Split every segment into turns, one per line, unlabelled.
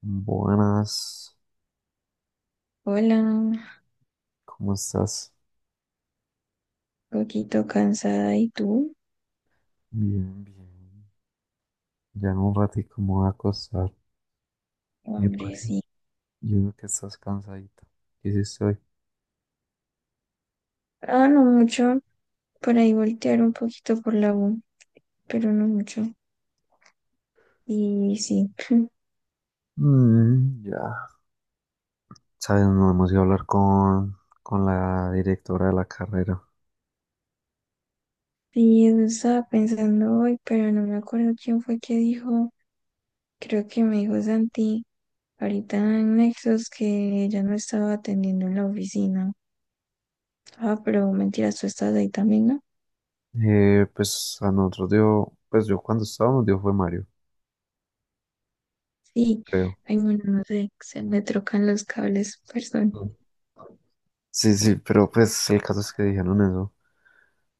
Buenas,
Hola, un
¿cómo estás?
poquito cansada. ¿Y tú?
Bien, bien. Ya en un ratito me voy a acostar,
Hombre,
porque
sí.
yo veo que estás cansadito. ¿Qué hiciste hoy?
Ah, no mucho. Por ahí voltear un poquito por la U, pero no mucho. Y sí.
Mm, ya. Sabes, no hemos ido a hablar con la directora de la carrera.
Sí, eso estaba pensando hoy, pero no me acuerdo quién fue que dijo. Creo que me dijo Santi ahorita en Nexos que ya no estaba atendiendo en la oficina. Ah, pero mentiras, tú estás ahí también, ¿no?
Pues a nosotros dio, pues yo cuando estábamos dio fue Mario,
Sí.
creo.
Ay, bueno, no sé. Se me trocan los cables, perdón.
Mm. Sí, sí, pero pues el caso es que dijeron eso.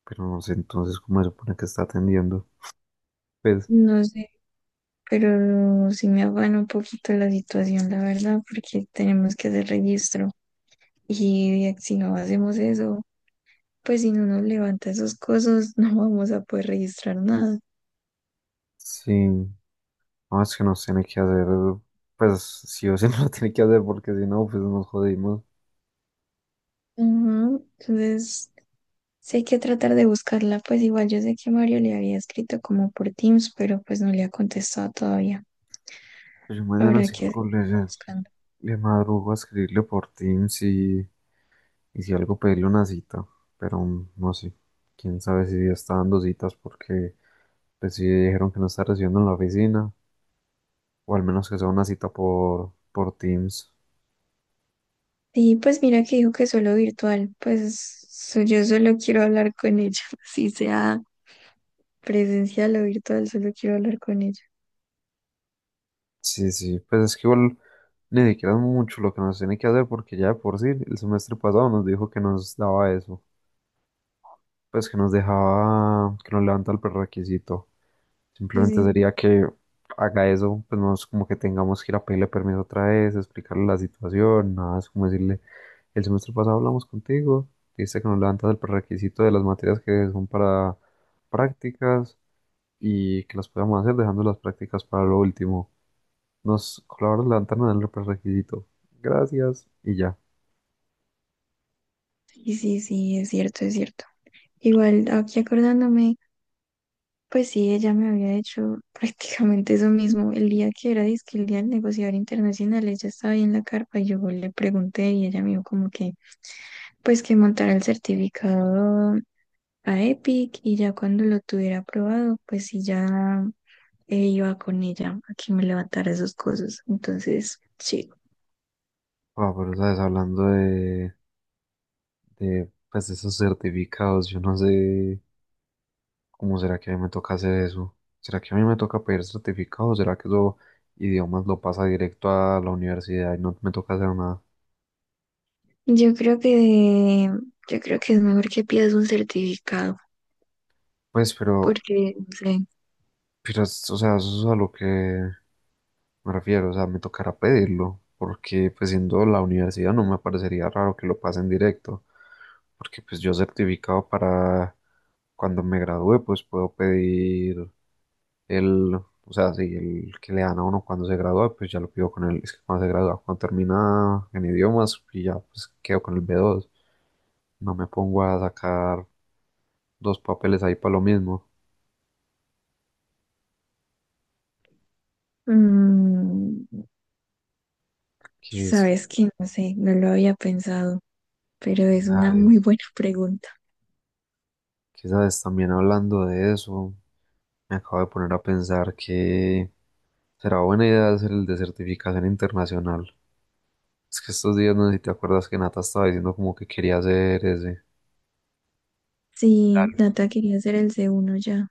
Pero no sé entonces cómo se supone que está atendiendo. Pues
No sé, pero sí me afana un poquito la situación, la verdad, porque tenemos que hacer registro y si no hacemos eso, pues si no nos levanta esos cosas, no vamos a poder registrar nada.
sí. No, es que no tiene que hacer, pues sí o sí no lo tiene que hacer porque si no, pues nos jodimos.
Ujú. Entonces, sí hay que tratar de buscarla, pues igual yo sé que Mario le había escrito como por Teams, pero pues no le ha contestado todavía.
Pues yo mañana
Habrá
sí
que
colgo
seguirla
le,
buscando.
le madrugo a escribirle por Teams y si algo pedirle una cita, pero no sé, quién sabe si ya está dando citas porque pues sí dijeron que no está recibiendo en la oficina o al menos que sea una cita por Teams.
Y pues mira que dijo que solo virtual, pues yo solo quiero hablar con ella, si sea presencial o virtual, solo quiero hablar con ella.
Sí, sí, pues es que igual ni siquiera es mucho lo que nos tiene que hacer porque ya de por sí el semestre pasado nos dijo que nos daba eso. Pues que nos dejaba, que nos levanta el prerequisito.
Sí,
Simplemente
sí,
sería que haga eso, pues no es como que tengamos que ir a pedirle permiso otra vez, explicarle la situación, nada, es como decirle, el semestre pasado hablamos contigo, dice que nos levantas el prerequisito de las materias que son para prácticas y que las podamos hacer dejando las prácticas para lo último. Nos colaboras levantarnos el prerequisito. Gracias y ya.
sí, sí, sí, es cierto, es cierto. Igual, aquí acordándome, pues sí, ella me había hecho prácticamente eso mismo. El día que era, dizque el día del negociador internacional, ella estaba ahí en la carpa y yo le pregunté y ella me dijo como que, pues que montara el certificado a Epic y ya cuando lo tuviera aprobado, pues sí, ya iba con ella a que me levantara esas cosas. Entonces, sí.
Ah, pero sabes, hablando de, pues, de esos certificados, yo no sé. ¿Cómo será que a mí me toca hacer eso? ¿Será que a mí me toca pedir certificado? ¿Será que eso idiomas lo pasa directo a la universidad y no me toca hacer nada?
Yo creo que, yo creo que es mejor que pidas un certificado,
Pues, pero,
porque, no sé,
o sea, eso es a lo que me refiero, o sea, me tocará pedirlo, porque pues siendo la universidad no me parecería raro que lo pasen directo, porque pues yo certificado para cuando me gradúe, pues puedo pedir El, o sea, sí, el que le dan a uno cuando se gradúa, pues ya lo pido con él. Es que cuando se gradúa, cuando termina en idiomas, y ya pues quedo con el B2. No me pongo a sacar dos papeles ahí para lo mismo.
mm,
Que es,
sabes que, no sé, no lo había pensado, pero
que
es una muy
sabes,
buena pregunta.
que sabes, también hablando de eso, me acabo de poner a pensar que será buena idea hacer el de certificación internacional. Es que estos días, no sé si te acuerdas que Nata estaba diciendo como que quería hacer ese.
Sí,
Tal.
Nata quería hacer el C1 ya.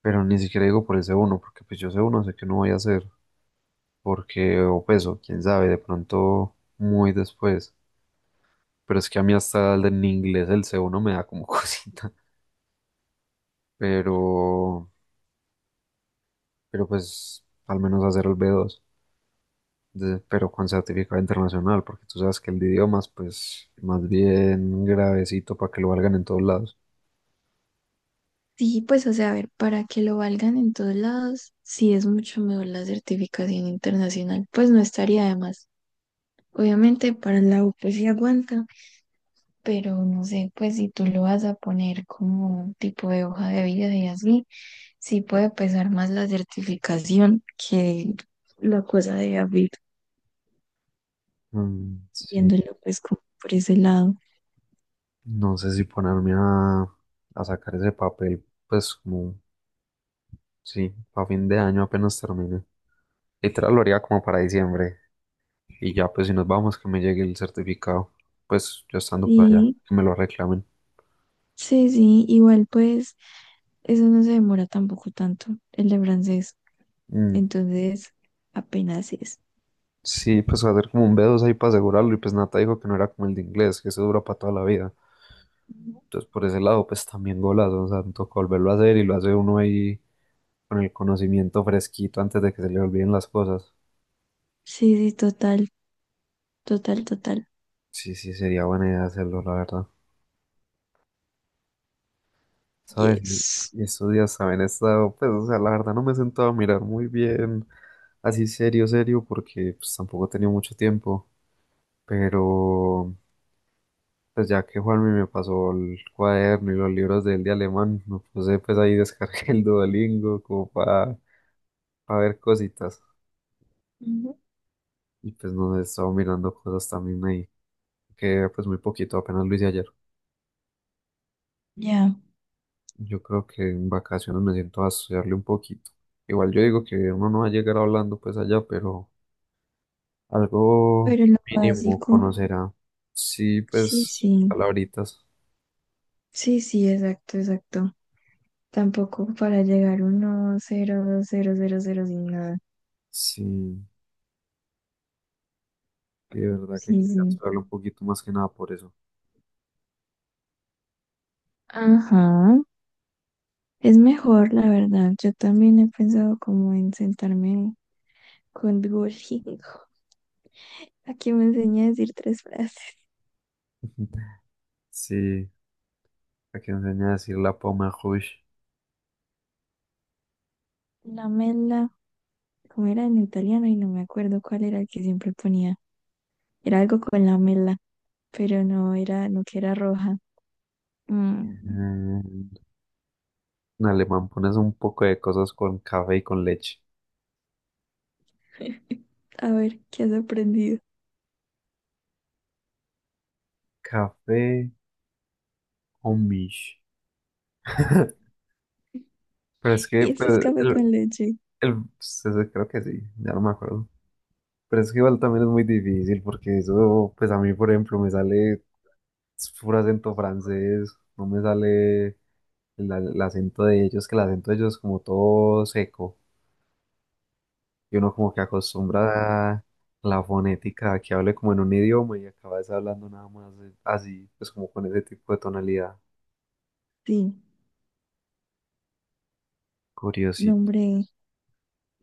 Pero ni siquiera digo por ese uno, porque pues yo ese uno sé que no voy a hacer. Porque, o pues, o quién sabe, de pronto muy después. Pero es que a mí hasta el en inglés el C1 me da como cosita. Pero, pero pues, al menos hacer el B2, pero con certificado internacional, porque tú sabes que el de idiomas, pues, más bien gravecito para que lo valgan en todos lados.
Sí, pues, o sea, a ver, para que lo valgan en todos lados, sí es mucho mejor la certificación internacional, pues no estaría de más. Obviamente, para la U, pues sí aguanta, pero no sé, pues si tú lo vas a poner como un tipo de hoja de vida y así, sí puede pesar más la certificación que la cosa de abrir,
Mm, sí,
viéndolo pues como por ese lado.
no sé si ponerme a sacar ese papel, pues, como, sí, a fin de año apenas termine. Literal lo haría como para diciembre. Y ya, pues si nos vamos, que me llegue el certificado, pues yo estando por allá,
Sí,
que me lo reclamen.
sí, sí, igual pues eso no se demora tampoco tanto, el de francés.
Mm.
Entonces, apenas es.
Sí, pues hacer como un B2 ahí para asegurarlo y pues Nata dijo que no era como el de inglés, que eso dura para toda la vida.
Ujú.
Entonces por ese lado, pues también golazo, o sea, me toca volverlo a hacer y lo hace uno ahí con el conocimiento fresquito antes de que se le olviden las cosas.
Sí, sí, total, total, total.
Sí, sí, sería buena idea hacerlo, la verdad. ¿Sabes?
Yes.
Y estos días también he estado, pues, o sea, la verdad no me he sentado a mirar muy bien, así serio, serio, porque pues tampoco he tenido mucho tiempo. Pero pues ya que Juanmi me pasó el cuaderno y los libros de él de alemán, me puse pues ahí descargué el Duolingo como para, ver cositas.
Ujú.
Y pues no sé, estaba mirando cosas también ahí, que pues muy poquito, apenas lo hice ayer.
Ya,
Yo creo que en vacaciones me siento a estudiarle un poquito. Igual yo digo que uno no va a llegar hablando pues allá, pero algo
pero lo
mínimo
básico,
conocerá. Sí,
sí,
pues
sí,
palabritas.
sí, sí, exacto, exacto. Tampoco para llegar uno, cero, cero, cero, cero, sin nada.
Sí, sí, de verdad que
Sí,
quería
sí.
estudiarlo un poquito más que nada por eso.
Ajá. Es mejor, la verdad. Yo también he pensado como en sentarme con Duolingo, a que me enseñe a decir tres frases.
Sí, para que enseñe a decir la poma Rouge.
La mela, como era en italiano y no me acuerdo cuál era el que siempre ponía. Era algo con lamela, pero no era, no que era roja. Mm,
Eh, en alemán pones un poco de cosas con café y con leche.
a ver, ¿qué has aprendido?
Café o mish. Pero es que,
Y
pues,
eso es café
el,
con leche.
pues, eso creo que sí, ya no me acuerdo. Pero es que igual también es muy difícil porque eso, pues a mí, por ejemplo, me sale puro acento francés, no me sale el acento de ellos, que el acento de ellos es como todo seco. Y uno como que acostumbra a la fonética a que hable como en un idioma y acabas hablando nada más así, pues como con ese tipo de tonalidad.
Sí, no,
Curiosito.
hombre.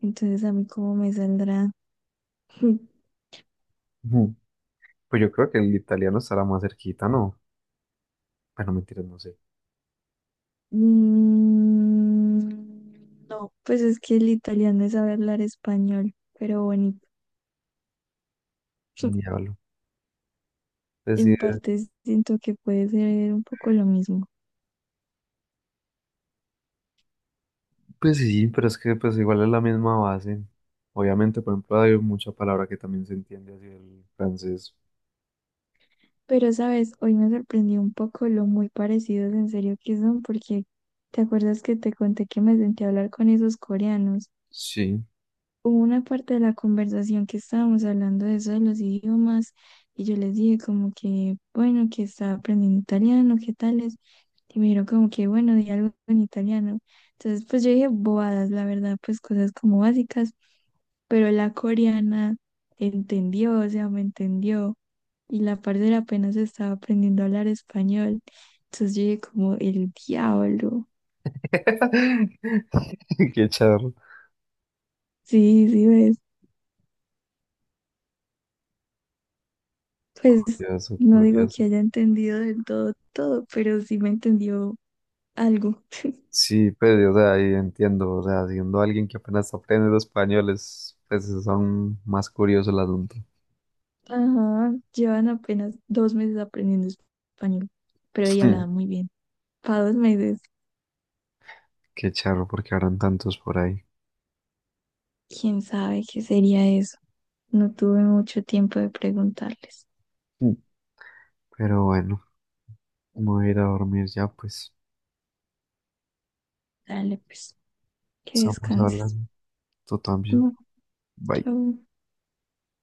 Entonces, ¿a mí cómo me saldrá?
Ujú. Pues yo creo que el italiano estará más cerquita, ¿no? Bueno, mentiras, no sé.
Mm, no, pues es que el italiano es saber hablar español, pero bonito.
Diablo. Pues sí, eh,
En parte siento que puede ser un poco lo mismo.
pues sí, pero es que pues igual es la misma base. Obviamente, por ejemplo, hay mucha palabra que también se entiende así el francés.
Pero, sabes, hoy me sorprendió un poco lo muy parecidos en serio que son, porque ¿te acuerdas que te conté que me senté a hablar con esos coreanos?
Sí.
Hubo una parte de la conversación que estábamos hablando de eso de los idiomas y yo les dije como que, bueno, que estaba aprendiendo italiano, qué tales, y me dijeron como que, bueno, di algo en italiano. Entonces, pues yo dije bobadas, la verdad, pues cosas como básicas, pero la coreana entendió, o sea, me entendió, y la parcera apenas estaba aprendiendo a hablar español. Entonces yo dije como, el diablo.
Qué charro.
Sí, sí, ves. Pues
Curioso,
no digo
curioso.
que haya entendido del todo todo, pero sí me entendió algo.
Sí, pues, o sea, y entiendo, o sea, siendo alguien que apenas aprende los españoles, pues, es aún más curioso el asunto.
Ajá, llevan apenas 2 meses aprendiendo español, pero ella hablaba
Mm.
muy bien. Para 2 meses,
Qué charro, porque habrán tantos por ahí.
quién sabe qué sería eso. No tuve mucho tiempo de preguntarles.
Mm. Pero bueno, me voy a ir a dormir ya, pues,
Dale, pues, que
estamos
descanses.
hablando, tú también.
No,
Bye.
chao.